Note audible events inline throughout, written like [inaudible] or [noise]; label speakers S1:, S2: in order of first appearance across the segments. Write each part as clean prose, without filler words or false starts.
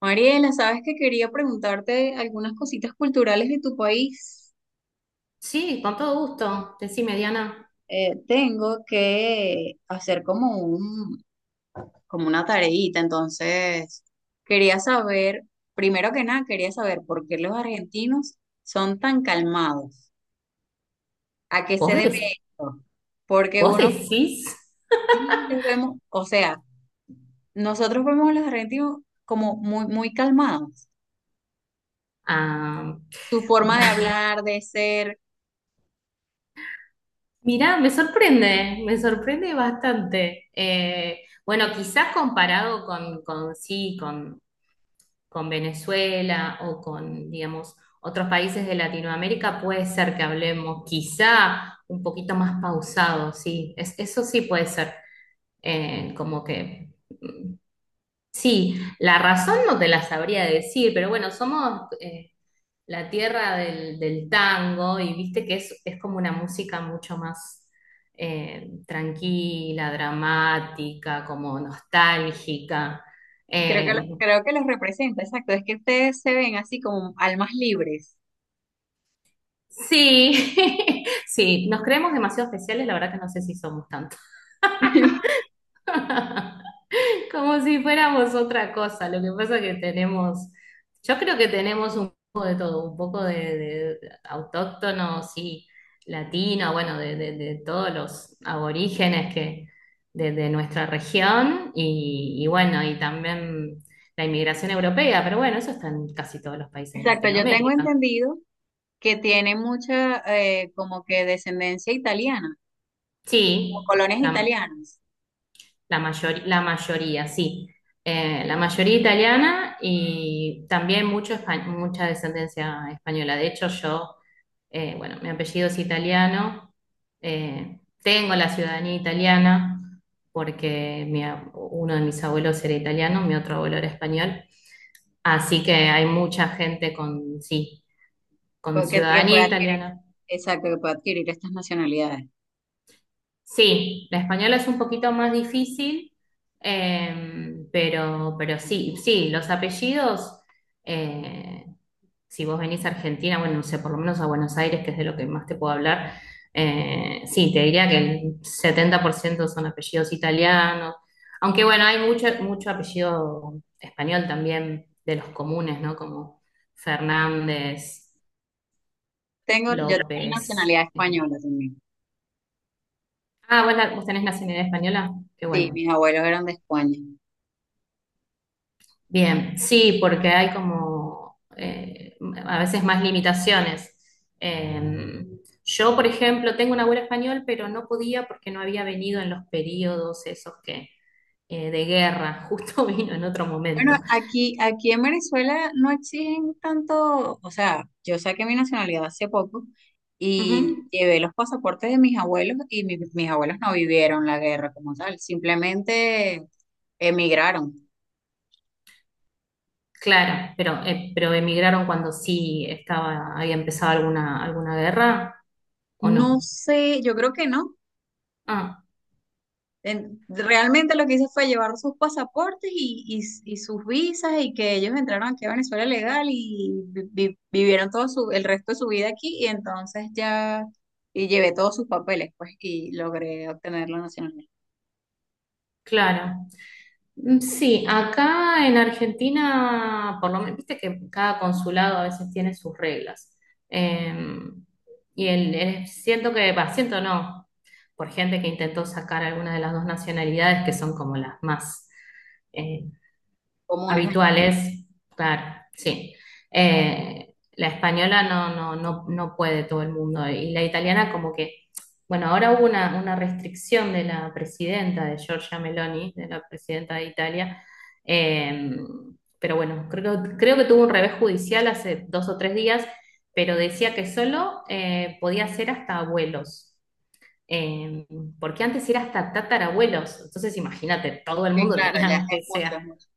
S1: Mariela, sabes que quería preguntarte algunas cositas culturales de tu país.
S2: Sí, con todo gusto. Decime, Diana,
S1: Tengo que hacer como como una tareita, entonces quería saber, primero que nada, quería saber por qué los argentinos son tan calmados. ¿A qué se
S2: ¿vos,
S1: debe
S2: des-
S1: esto? Porque
S2: vos
S1: uno
S2: decís?
S1: sí los vemos, o sea, nosotros vemos a los argentinos como muy calmados.
S2: Ah,
S1: Su forma de hablar, de ser.
S2: mirá, me sorprende bastante. Bueno, quizás comparado con con, Venezuela o con, digamos, otros países de Latinoamérica, puede ser que hablemos quizá un poquito más pausado, sí, eso sí puede ser. Como que... mm, sí, la razón no te la sabría decir, pero bueno, somos, la tierra del tango y viste que es como una música mucho más tranquila, dramática, como nostálgica.
S1: Creo
S2: Eh,
S1: creo que los representa, exacto. Es que ustedes se ven así como almas libres.
S2: sí, [laughs] sí, nos creemos demasiado especiales, la verdad que no sé si somos tanto.
S1: [laughs]
S2: [laughs] Como si fuéramos otra cosa. Lo que pasa que tenemos, yo creo que tenemos un poco de todo, un poco de autóctono, sí, latino, bueno, de todos los aborígenes que de nuestra región y bueno, y también la inmigración europea, pero bueno, eso está en casi todos los países de
S1: Exacto, yo tengo
S2: Latinoamérica.
S1: entendido que tiene mucha como que descendencia italiana, o
S2: Sí,
S1: colonias
S2: la-
S1: italianas,
S2: La mayoría, sí. La mayoría italiana y también mucho, mucha descendencia española. De hecho, yo, bueno, mi apellido es italiano, tengo la ciudadanía italiana porque uno de mis abuelos era italiano, mi otro abuelo era español. Así que hay mucha gente con, sí, con
S1: que
S2: ciudadanía
S1: puede adquirir,
S2: italiana.
S1: exacto, que puede adquirir estas nacionalidades.
S2: Sí, la española es un poquito más difícil, pero sí, sí, los apellidos, eh, si vos venís a Argentina, bueno, no sé, por lo menos a Buenos Aires, que es de lo que más te puedo hablar, sí, te diría que el 70% son apellidos italianos, aunque bueno, hay mucho, mucho apellido español también de los comunes, ¿no? Como Fernández,
S1: Tengo, yo tengo
S2: López.
S1: nacionalidad
S2: eh.
S1: española también.
S2: Ah, ¿vos, vos tenés nacionalidad española? Qué
S1: Sí,
S2: bueno.
S1: mis abuelos eran de España.
S2: Bien, sí, porque hay como a veces más limitaciones. Eh, yo, por ejemplo, tengo una abuela español, pero no podía porque no había venido en los periodos esos que de guerra, [laughs] justo vino en otro
S1: Bueno,
S2: momento.
S1: aquí en Venezuela no exigen tanto, o sea, yo saqué mi nacionalidad hace poco
S2: Ujú,
S1: y llevé los pasaportes de mis abuelos y mis abuelos no vivieron la guerra como tal, simplemente emigraron.
S2: claro, pero emigraron cuando sí estaba, había empezado alguna, alguna guerra, ¿o
S1: No
S2: no?
S1: sé, yo creo que no.
S2: Ah.
S1: Realmente lo que hice fue llevar sus pasaportes y sus visas y que ellos entraron aquí a Venezuela legal y vivieron todo el resto de su vida aquí y entonces ya y llevé todos sus papeles pues y logré obtener la nacionalidad
S2: Claro. Sí, acá en Argentina, por lo menos, viste que cada consulado a veces tiene sus reglas. Eh, y siento que, va, siento no, por gente que intentó sacar alguna de las dos nacionalidades que son como las más, eh,
S1: comunes allá.
S2: habituales, claro, sí. La española no, no, no, no puede todo el mundo y la italiana como que, bueno, ahora hubo una restricción de la presidenta de Giorgia Meloni, de la presidenta de Italia, eh, pero bueno, creo, creo que tuvo un revés judicial hace dos o tres días, pero decía que solo podía ser hasta abuelos. eh, Porque antes era hasta tatarabuelos, entonces imagínate, todo el
S1: Sí,
S2: mundo
S1: claro, ya
S2: tenía
S1: es
S2: que
S1: mucho,
S2: sea.
S1: es mucho.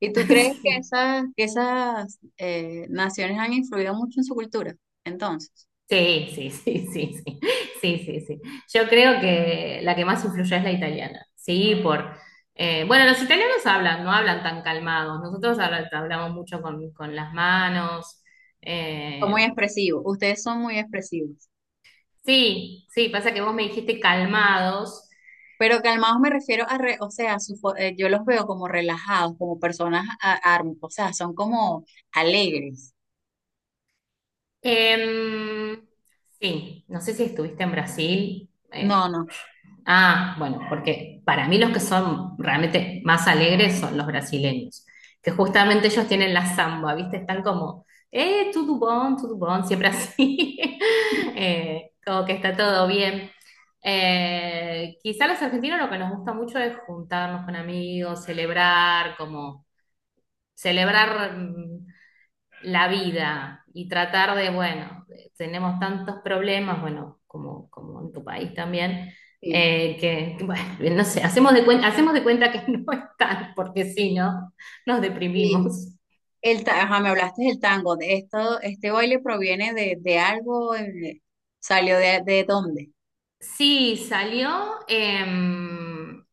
S1: ¿Y tú crees que
S2: [laughs]
S1: esas, que esas naciones han influido mucho en su cultura? Entonces,
S2: Sí, sí, sí, sí, sí, sí, sí, sí. Yo creo que la que más influye es la italiana, sí, por... bueno, los italianos hablan, no hablan tan calmados, nosotros hablamos mucho con las manos,
S1: son muy
S2: eh,
S1: expresivos, ustedes son muy expresivos.
S2: sí, sí, pasa que vos me dijiste calmados.
S1: Pero calmados me refiero a, o sea, su yo los veo como relajados, como personas o sea, son como alegres.
S2: Em, sí, no sé si estuviste en Brasil,
S1: No, no.
S2: ah, bueno, porque para mí los que son realmente más alegres son los brasileños, que justamente ellos tienen la samba, ¿viste? Están como, tudo bom, siempre así, [laughs] como que está todo bien. Quizá los argentinos lo que nos gusta mucho es juntarnos con amigos, celebrar, como celebrar la vida y tratar de, bueno, tenemos tantos problemas, bueno, como, como en tu país también,
S1: Sí.
S2: que, bueno, no sé, hacemos de cuenta que [laughs] no están, porque si no, nos
S1: Y
S2: deprimimos.
S1: ajá, me hablaste del tango. De esto, este baile proviene de algo, salió de dónde.
S2: Sí, salió,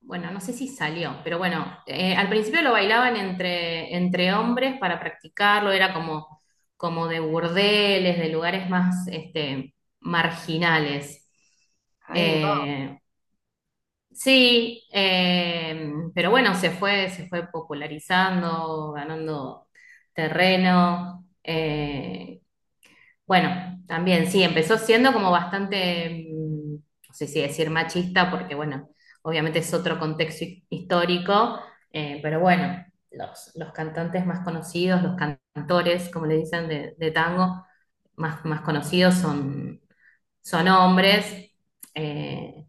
S2: bueno, no sé si salió, pero bueno, al principio lo bailaban entre, entre hombres para practicarlo, era como, como de burdeles, de lugares más este, marginales.
S1: Ay, wow.
S2: Eh, Sí, pero bueno, se fue popularizando, ganando terreno. Bueno, también sí, empezó siendo como bastante, no sé si decir machista, porque bueno, obviamente es otro contexto histórico, pero bueno, los cantantes más conocidos, los cantores, como le dicen, de tango, más, más conocidos son, son hombres. eh,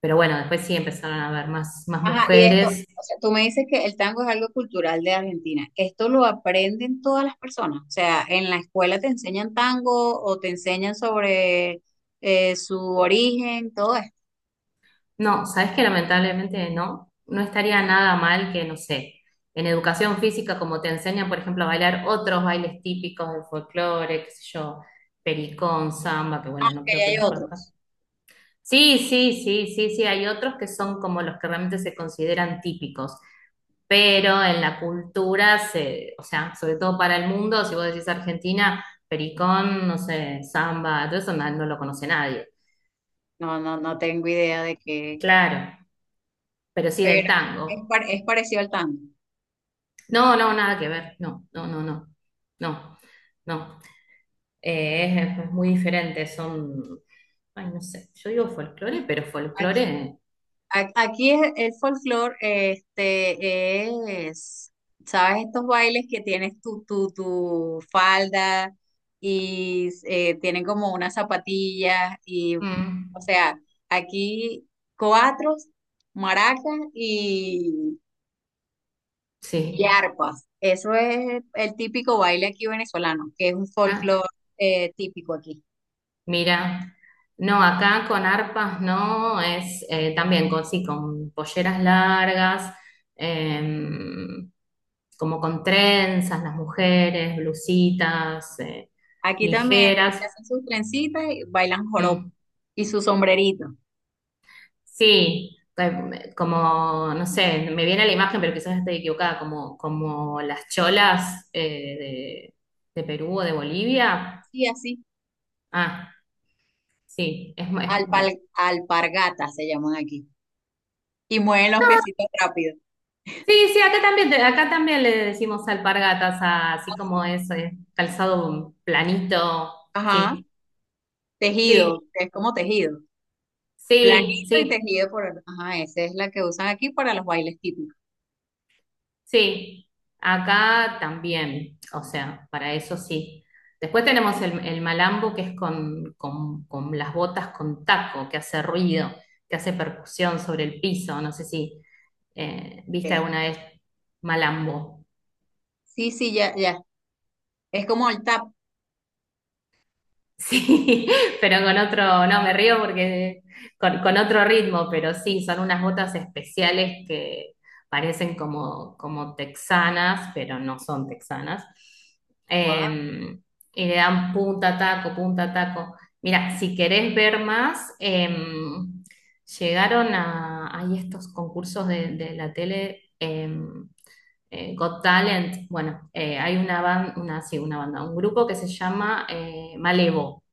S2: pero bueno, después sí empezaron a haber más, más
S1: Ajá, y esto,
S2: mujeres.
S1: o sea, tú me dices que el tango es algo cultural de Argentina. ¿Esto lo aprenden todas las personas? O sea, ¿en la escuela te enseñan tango o te enseñan sobre su origen, todo
S2: No, sabes que lamentablemente no, no estaría nada mal que, no sé, en educación física, como te enseñan, por ejemplo, a bailar otros bailes típicos del folclore, qué sé yo, pericón, samba, que bueno, no
S1: aunque
S2: creo que
S1: hay
S2: los conozcas.
S1: otros?
S2: Sí, sí, sí, sí, sí, hay otros que son como los que realmente se consideran típicos, pero en la cultura, se, o sea, sobre todo para el mundo, si vos decís Argentina, pericón, no sé, samba, todo eso no no lo conoce nadie.
S1: No, no, no tengo idea de qué,
S2: Claro, pero sí
S1: pero
S2: del tango.
S1: es parecido al tango.
S2: No, no, nada que ver. No, no, no, no. No, no. Es muy diferente. Son, ay, no sé. Yo digo folclore, pero
S1: Aquí,
S2: folclore.
S1: Aquí, aquí el folclore, este, es, ¿sabes? Estos bailes que tienes tu falda y tienen como unas zapatillas o
S2: mm,
S1: sea, aquí cuatro maracas y
S2: sí.
S1: arpas, eso es el típico baile aquí venezolano, que es un
S2: Ah,
S1: folclore típico aquí.
S2: mira. No, acá con arpas no, es también con, sí, con polleras largas, em, como con trenzas, las mujeres, blusitas,
S1: Aquí también
S2: ligeras.
S1: se hacen sus trencitas y bailan joropo
S2: Mm.
S1: y su sombrerito.
S2: Sí, como, no sé, me viene la imagen, pero quizás esté equivocada, como, como las cholas de Perú o de Bolivia.
S1: Sí, así,
S2: Ah, sí,
S1: alpargatas se llaman aquí. Y mueven los piecitos rápido.
S2: sí, sí, acá también, acá también le decimos alpargatas, así como
S1: Así.
S2: es, calzado planito,
S1: Ajá,
S2: sí,
S1: tejido,
S2: sí,
S1: que es como tejido. Planito
S2: sí,
S1: y
S2: sí.
S1: tejido por... Ajá, esa es la que usan aquí para los bailes típicos.
S2: Sí, acá también, o sea, para eso sí. Después tenemos el malambo, que es con, con las botas con taco, que hace ruido, que hace percusión sobre el piso. No sé si viste
S1: Eh,
S2: alguna vez malambo.
S1: sí, sí, ya, ya. Es como el tap.
S2: Sí, [laughs] pero con otro, no, me río porque con otro ritmo, pero sí, son unas botas especiales que parecen como, como texanas, pero no son texanas.
S1: Wow,
S2: Eh, y le dan punta, taco, punta, taco. Mira, si querés ver más, llegaron a, hay estos concursos de la tele, Got Talent, bueno, hay una banda, una, sí, una banda, un grupo que se llama Malevo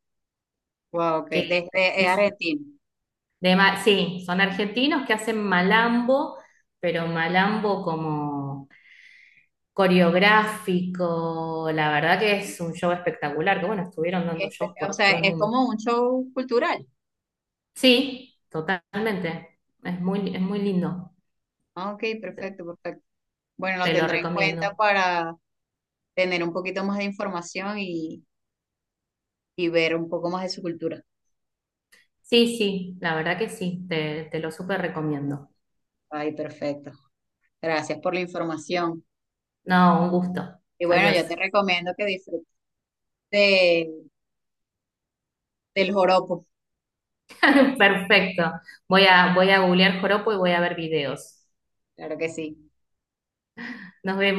S1: wow, ok,
S2: que
S1: desde, es
S2: es
S1: argentino.
S2: de sí, son argentinos que hacen malambo, pero malambo como coreográfico, la verdad que es un show espectacular, que bueno, estuvieron dando
S1: Este,
S2: shows
S1: o
S2: por
S1: sea,
S2: todo el
S1: es
S2: mundo.
S1: como un show cultural.
S2: Sí, totalmente, es muy lindo,
S1: Ah, ok, perfecto, perfecto. Bueno, lo
S2: te lo
S1: tendré en cuenta
S2: recomiendo.
S1: para tener un poquito más de información y ver un poco más de su cultura.
S2: Sí, sí, la verdad que sí, te lo súper recomiendo.
S1: Ay, perfecto. Gracias por la información.
S2: No, un gusto.
S1: Y bueno,
S2: Adiós.
S1: yo te recomiendo que disfrutes de- del joropo.
S2: [laughs] Perfecto. Voy a, voy a googlear joropo y voy a ver videos.
S1: Claro que sí.
S2: Nos vemos.